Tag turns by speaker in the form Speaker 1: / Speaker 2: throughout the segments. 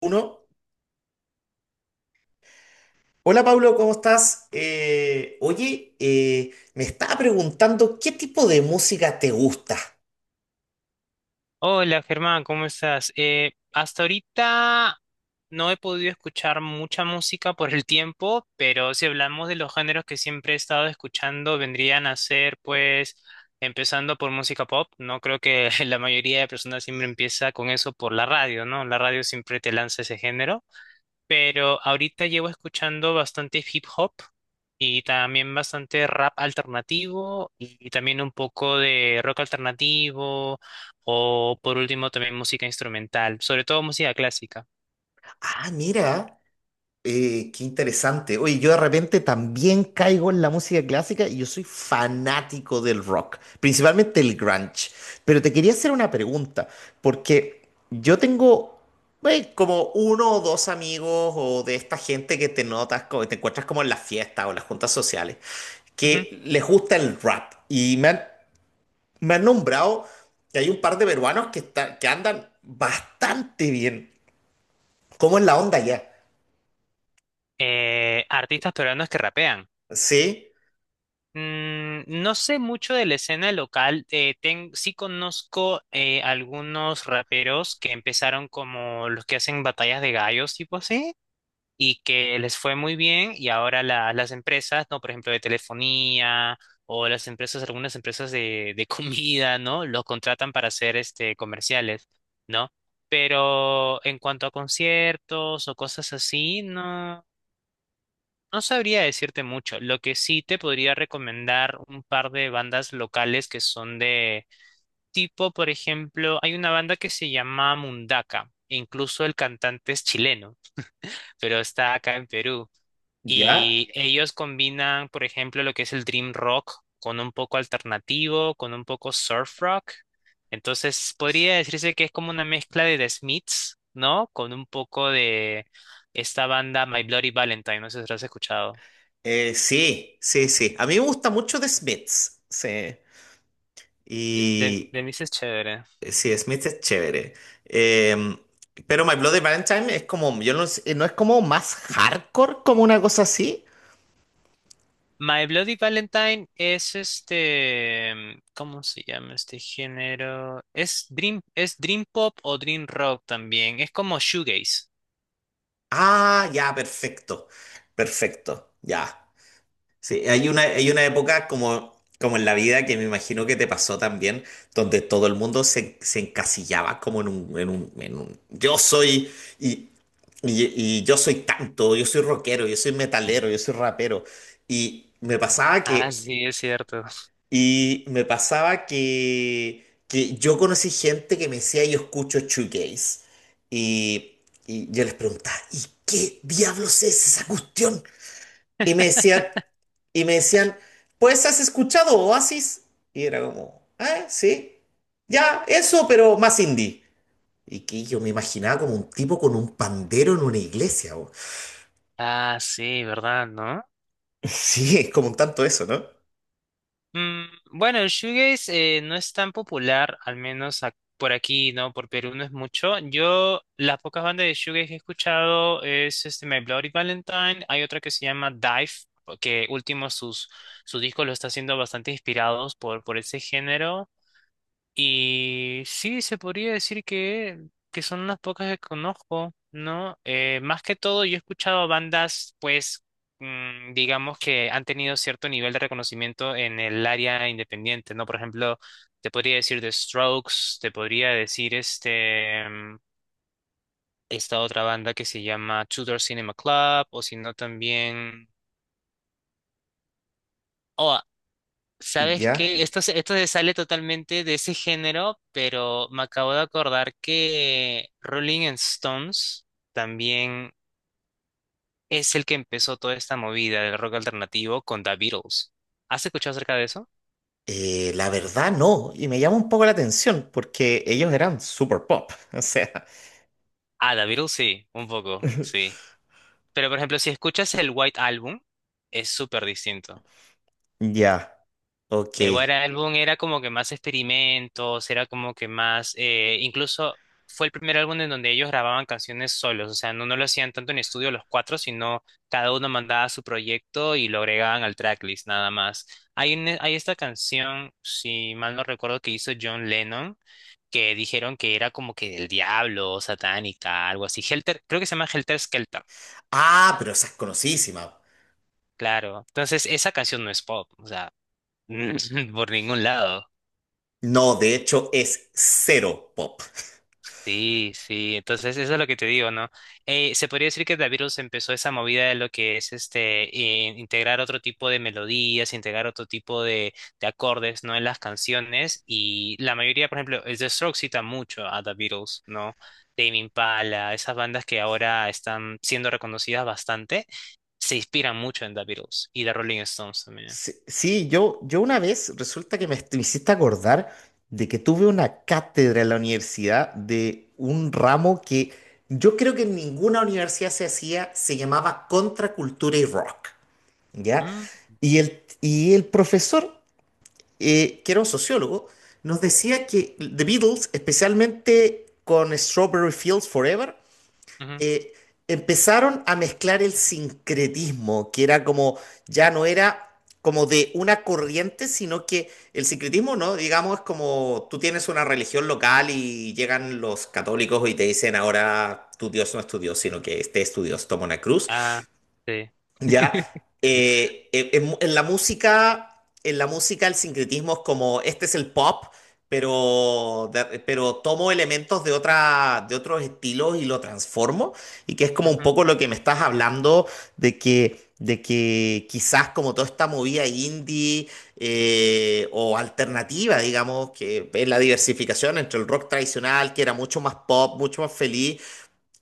Speaker 1: Uno. Hola Pablo, ¿cómo estás? Oye, me estaba preguntando qué tipo de música te gusta.
Speaker 2: Hola Germán, ¿cómo estás? Hasta ahorita no he podido escuchar mucha música por el tiempo, pero si hablamos de los géneros que siempre he estado escuchando, vendrían a ser pues empezando por música pop. No creo que la mayoría de personas siempre empieza con eso por la radio, ¿no? La radio siempre te lanza ese género, pero ahorita llevo escuchando bastante hip hop y también bastante rap alternativo y también un poco de rock alternativo o por último también música instrumental, sobre todo música clásica.
Speaker 1: Ah, mira. Qué interesante. Oye, yo de repente también caigo en la música clásica y yo soy fanático del rock, principalmente el grunge. Pero te quería hacer una pregunta, porque yo tengo como uno o dos amigos o de esta gente que te notas, te encuentras como en las fiestas o las juntas sociales,
Speaker 2: Ujú.
Speaker 1: que les gusta el rap. Y me han nombrado que hay un par de peruanos que, que andan bastante bien. ¿Cómo es la onda ya?
Speaker 2: Artistas peruanos que rapean.
Speaker 1: Sí,
Speaker 2: Mm, no sé mucho de la escena local, sí conozco algunos raperos que empezaron como los que hacen batallas de gallos, tipo así, y que les fue muy bien y ahora las empresas, ¿no? Por ejemplo, de telefonía o las empresas, algunas empresas de comida, ¿no? Los contratan para hacer este comerciales, ¿no? Pero en cuanto a conciertos o cosas así, no, no sabría decirte mucho. Lo que sí te podría recomendar un par de bandas locales que son de tipo, por ejemplo, hay una banda que se llama Mundaka. E incluso el cantante es chileno, pero está acá en Perú.
Speaker 1: ya.
Speaker 2: Y ellos combinan, por ejemplo, lo que es el dream rock con un poco alternativo, con un poco surf rock. Entonces, podría decirse que es como una mezcla de The Smiths, ¿no? Con un poco de esta banda My Bloody Valentine, no sé si lo has escuchado.
Speaker 1: Sí, sí, sí. A mí me gusta mucho The Smiths. Sí.
Speaker 2: De, de,
Speaker 1: Y
Speaker 2: de mí sí es chévere.
Speaker 1: sí, Smiths es chévere. Eh, pero My Bloody Valentine es como, yo no sé, no es como más hardcore, como una cosa así.
Speaker 2: My Bloody Valentine es este, ¿cómo se llama este género? Es dream pop o dream rock también. Es como shoegaze.
Speaker 1: Ah, ya, perfecto. Perfecto, ya. Sí, hay una época como, en la vida que me imagino que te pasó también, donde todo el mundo se encasillaba como yo soy y, y yo soy tanto, yo soy rockero, yo soy metalero, yo soy rapero. Y me pasaba
Speaker 2: Ah,
Speaker 1: que,
Speaker 2: sí, es cierto.
Speaker 1: que yo conocí gente que me decía yo escucho shoegaze. Y, y yo les preguntaba, ¿y qué diablos es esa cuestión? Y me decían, y me decían, pues has escuchado Oasis. Y era como, ah, sí, ya, eso, pero más indie. Y que yo me imaginaba como un tipo con un pandero en una iglesia.
Speaker 2: Ah, sí, ¿verdad? ¿No?
Speaker 1: Sí, es como un tanto eso, ¿no?
Speaker 2: Mm, bueno, el shoegaze no es tan popular, al menos por aquí, ¿no? Por Perú no es mucho. Yo, las pocas bandas de shoegaze que he escuchado es este My Bloody Valentine. Hay otra que se llama Dive, que último sus, su disco lo está haciendo bastante inspirados por ese género. Y sí, se podría decir que son unas pocas que conozco, ¿no? Más que todo, yo he escuchado bandas, pues, mm, digamos que han tenido cierto nivel de reconocimiento en el área independiente, ¿no? Por ejemplo, te podría decir The Strokes, te podría decir este, mm, esta otra banda que se llama Tudor Cinema Club, o si no también... ¿Sabes
Speaker 1: Ya.
Speaker 2: qué? Esto, esto se sale totalmente de ese género, pero me acabo de acordar que Rolling Stones también es el que empezó toda esta movida del rock alternativo con The Beatles. ¿Has escuchado acerca de eso?
Speaker 1: La verdad no, y me llama un poco la atención porque ellos eran super pop, o sea,
Speaker 2: Ah, The Beatles sí, un poco, sí. Pero por ejemplo, si escuchas el White Album, es súper distinto.
Speaker 1: ya, ok.
Speaker 2: El White Album era como que más experimentos, era como que más, incluso fue el primer álbum en donde ellos grababan canciones solos, o sea, no, no lo hacían tanto en estudio los cuatro, sino cada uno mandaba su proyecto y lo agregaban al tracklist nada más. Hay, hay esta canción, si mal no recuerdo, que hizo John Lennon, que dijeron que era como que del diablo, satánica, algo así. Helter, creo que se llama Helter Skelter,
Speaker 1: Ah, pero esa es conocidísima.
Speaker 2: claro. Entonces, esa canción no es pop, o sea, por ningún lado.
Speaker 1: No, de hecho es cero pop.
Speaker 2: Sí, sí, entonces eso es lo que te digo, ¿no? Se podría decir que The Beatles empezó esa movida de lo que es este integrar otro tipo de melodías, integrar otro tipo de acordes, ¿no? En las canciones y la mayoría, por ejemplo, el The Strokes cita mucho a The Beatles, ¿no? Tame Impala, esas bandas que ahora están siendo reconocidas bastante, se inspiran mucho en The Beatles y The Rolling Stones también.
Speaker 1: Sí, sí, yo una vez resulta que me hiciste acordar de que tuve una cátedra en la universidad de un ramo que yo creo que en ninguna universidad se hacía, se llamaba Contracultura y Rock, ¿ya?
Speaker 2: Mm,
Speaker 1: Y el profesor, que era un sociólogo, nos decía que The Beatles, especialmente con Strawberry Fields Forever,
Speaker 2: ujú.
Speaker 1: eh, empezaron a mezclar el sincretismo, que era como, ya no era como de una corriente, sino que el sincretismo, ¿no? Digamos, es como tú tienes una religión local y llegan los católicos y te dicen ahora tu Dios no es tu Dios, sino que este es tu Dios, toma una cruz.
Speaker 2: Ah, sí.
Speaker 1: ¿Ya? En la música el sincretismo es como, este es el pop, pero, pero tomo elementos de otros estilos y lo transformo, y que es como un poco lo que me estás hablando de que quizás como toda esta movida indie o alternativa, digamos, que es la diversificación entre el rock tradicional, que era mucho más pop, mucho más feliz,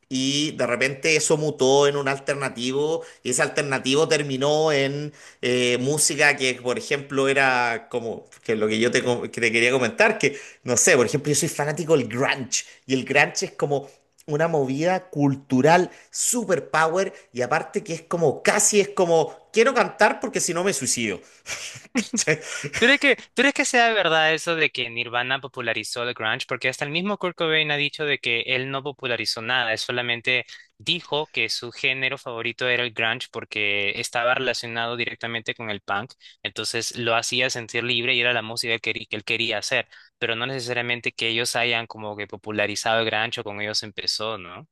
Speaker 1: y de repente eso mutó en un alternativo, y ese alternativo terminó en música que, por ejemplo, era como que lo que yo te, com- que te quería comentar, que no sé, por ejemplo, yo soy fanático del grunge, y el grunge es como una movida cultural super power, y aparte que es como casi es como quiero cantar porque si no me suicido. ¿Cachai?
Speaker 2: Tú crees que sea verdad eso de que Nirvana popularizó el grunge? Porque hasta el mismo Kurt Cobain ha dicho de que él no popularizó nada, él solamente dijo que su género favorito era el grunge porque estaba relacionado directamente con el punk, entonces lo hacía sentir libre y era la música que, él quería hacer, pero no necesariamente que ellos hayan como que popularizado el grunge o con ellos empezó, ¿no?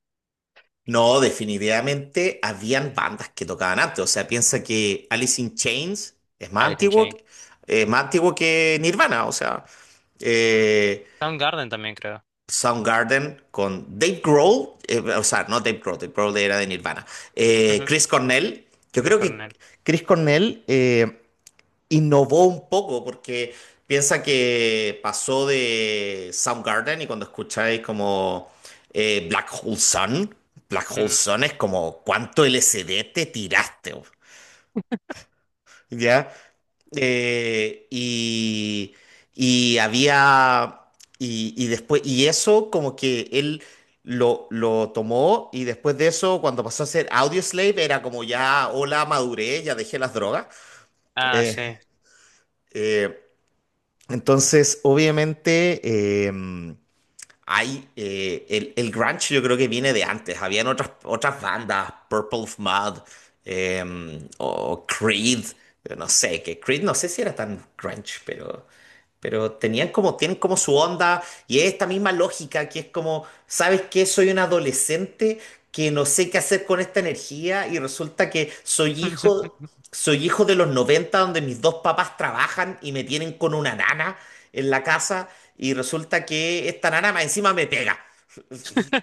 Speaker 1: No, definitivamente habían bandas que tocaban antes. O sea, piensa que Alice in Chains es
Speaker 2: Alice in Chains.
Speaker 1: más antiguo que Nirvana. O sea,
Speaker 2: Mm.
Speaker 1: eh,
Speaker 2: Soundgarden también creo.
Speaker 1: Soundgarden con Dave Grohl. O sea, no Dave Grohl. Dave Grohl era de Nirvana.
Speaker 2: Ujú.
Speaker 1: Chris Cornell, yo
Speaker 2: Chris
Speaker 1: creo que
Speaker 2: Cornell.
Speaker 1: Chris Cornell innovó un poco porque piensa que pasó de Soundgarden y cuando escucháis como Black Hole Sun. ¿Black Hole
Speaker 2: Mm.
Speaker 1: Sun es como cuánto LSD te tiraste, bo? ¿Ya? Eh, y, y había, y después, y eso como que él lo tomó y después de eso, cuando pasó a ser Audioslave, era como ya, hola, maduré, ya dejé las drogas.
Speaker 2: Ah, sí.
Speaker 1: Eh, eh, Entonces, obviamente, eh, hay el grunge yo creo que viene de antes. Habían otras bandas, Purple Mud eh, o Creed, no sé, que Creed no sé si era tan grunge, pero tenían como, tienen como su onda y es esta misma lógica que es como, ¿sabes qué? Soy un adolescente que no sé qué hacer con esta energía y resulta que soy hijo de los 90 donde mis dos papás trabajan y me tienen con una nana en la casa y resulta que esta nana más encima me pega.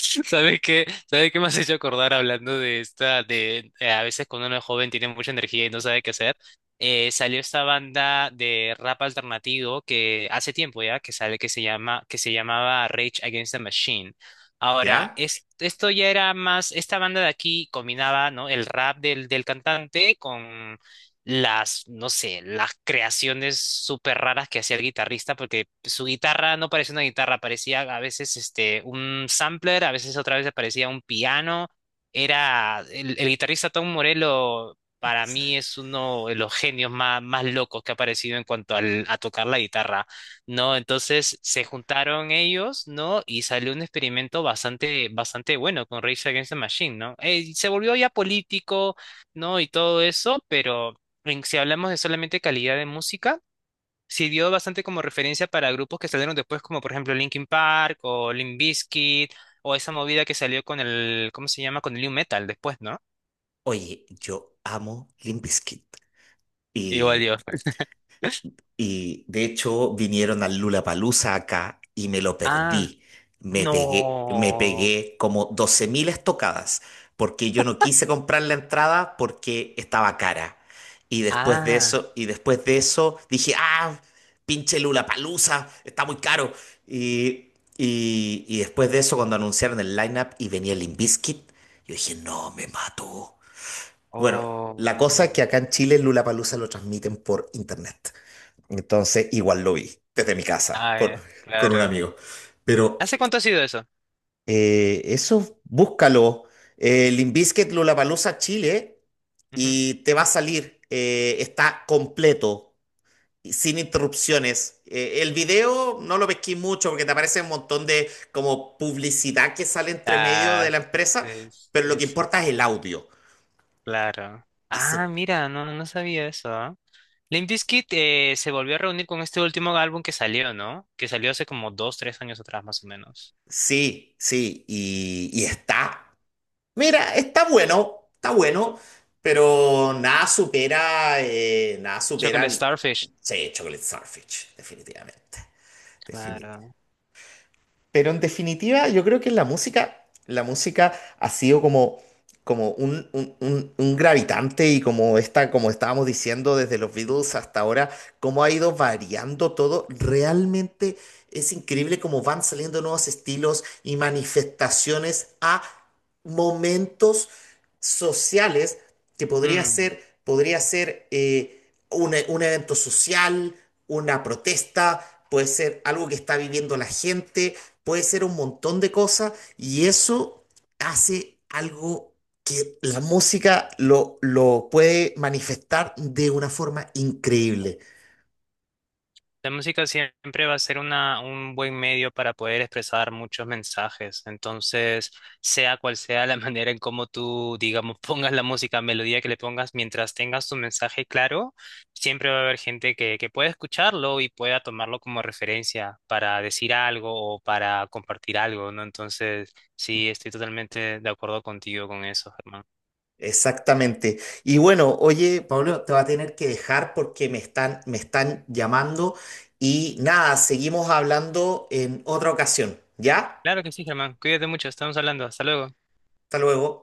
Speaker 2: ¿Sabes qué? ¿Sabes qué me has hecho acordar hablando de esta, de a veces cuando uno es joven tiene mucha energía y no sabe qué hacer? Salió esta banda de rap alternativo que hace tiempo ya que sale que se llamaba Rage Against the Machine. Ahora,
Speaker 1: ¿Ya?
Speaker 2: esto ya era más, esta banda de aquí combinaba, ¿no? El rap del cantante con las, no sé, las creaciones súper raras que hacía el guitarrista, porque su guitarra no parecía una guitarra, parecía a veces este, un sampler, a veces otra vez parecía un piano. Era el guitarrista Tom Morello, para mí es uno de los genios más, más locos que ha aparecido en cuanto a tocar la guitarra, ¿no? Entonces se juntaron ellos, ¿no? Y salió un experimento bastante, bastante bueno con Rage Against the Machine, ¿no? Se volvió ya político, ¿no? Y todo eso, pero si hablamos de solamente calidad de música, sirvió bastante como referencia para grupos que salieron después, como por ejemplo Linkin Park o Limp Bizkit, o esa movida que salió con el, ¿cómo se llama? Con el nu metal después, ¿no?
Speaker 1: Oye, yo amo Limp Bizkit.
Speaker 2: Igual
Speaker 1: Y
Speaker 2: Dios.
Speaker 1: De hecho vinieron al Lollapalooza acá y me lo
Speaker 2: Ah,
Speaker 1: perdí. Me
Speaker 2: no.
Speaker 1: pegué como 12.000 estocadas porque yo no quise comprar la entrada porque estaba cara. Y después de
Speaker 2: Ah,
Speaker 1: eso, dije, ah, pinche Lollapalooza, está muy caro. Y, después de eso, cuando anunciaron el lineup y venía Limp Bizkit, yo dije, no, me mato. Bueno, la cosa es
Speaker 2: oh.
Speaker 1: que acá en Chile Lollapalooza lo transmiten por internet. Entonces, igual lo vi desde mi casa
Speaker 2: Ah, ya,
Speaker 1: con un
Speaker 2: claro.
Speaker 1: amigo. Pero
Speaker 2: ¿Hace cuánto ha sido eso?
Speaker 1: eso, búscalo. Limp Bizkit Lollapalooza Chile
Speaker 2: Ujú.
Speaker 1: y te va a salir. Está completo, y sin interrupciones. El video no lo pesqué mucho porque te aparece un montón de como publicidad que sale entre medio de
Speaker 2: Ah,
Speaker 1: la empresa,
Speaker 2: sí,
Speaker 1: pero lo
Speaker 2: sí,
Speaker 1: que
Speaker 2: sí,
Speaker 1: importa es el audio.
Speaker 2: claro.
Speaker 1: Y
Speaker 2: Ah,
Speaker 1: se,
Speaker 2: mira, no, no sabía eso. ¿Ah? Limp Bizkit se volvió a reunir con este último álbum que salió, ¿no? Que salió hace como dos, tres años atrás, más o menos.
Speaker 1: sí, sí, y está Mira, está bueno, pero nada supera,
Speaker 2: Chocolate Starfish.
Speaker 1: sí, Chocolate Starfish, definitivamente. Definitivamente.
Speaker 2: Claro.
Speaker 1: Pero en definitiva, yo creo que la música ha sido como, como un gravitante y como estábamos diciendo desde los Beatles hasta ahora, cómo ha ido variando todo. Realmente es increíble cómo van saliendo nuevos estilos y manifestaciones a momentos sociales que podría ser un evento social, una protesta, puede ser algo que está viviendo la gente, puede ser un montón de cosas y eso hace algo que la música lo puede manifestar de una forma increíble.
Speaker 2: La música siempre va a ser una, un buen medio para poder expresar muchos mensajes. Entonces, sea cual sea la manera en cómo tú, digamos, pongas la música, melodía que le pongas, mientras tengas tu mensaje claro, siempre va a haber gente que pueda escucharlo y pueda tomarlo como referencia para decir algo o para compartir algo, ¿no? Entonces, sí, estoy totalmente de acuerdo contigo con eso, Germán.
Speaker 1: Exactamente. Y bueno, oye, Pablo, te va a tener que dejar porque me están llamando y nada, seguimos hablando en otra ocasión, ¿ya?
Speaker 2: Claro que sí, Germán. Cuídate mucho. Estamos hablando. Hasta luego.
Speaker 1: Hasta luego.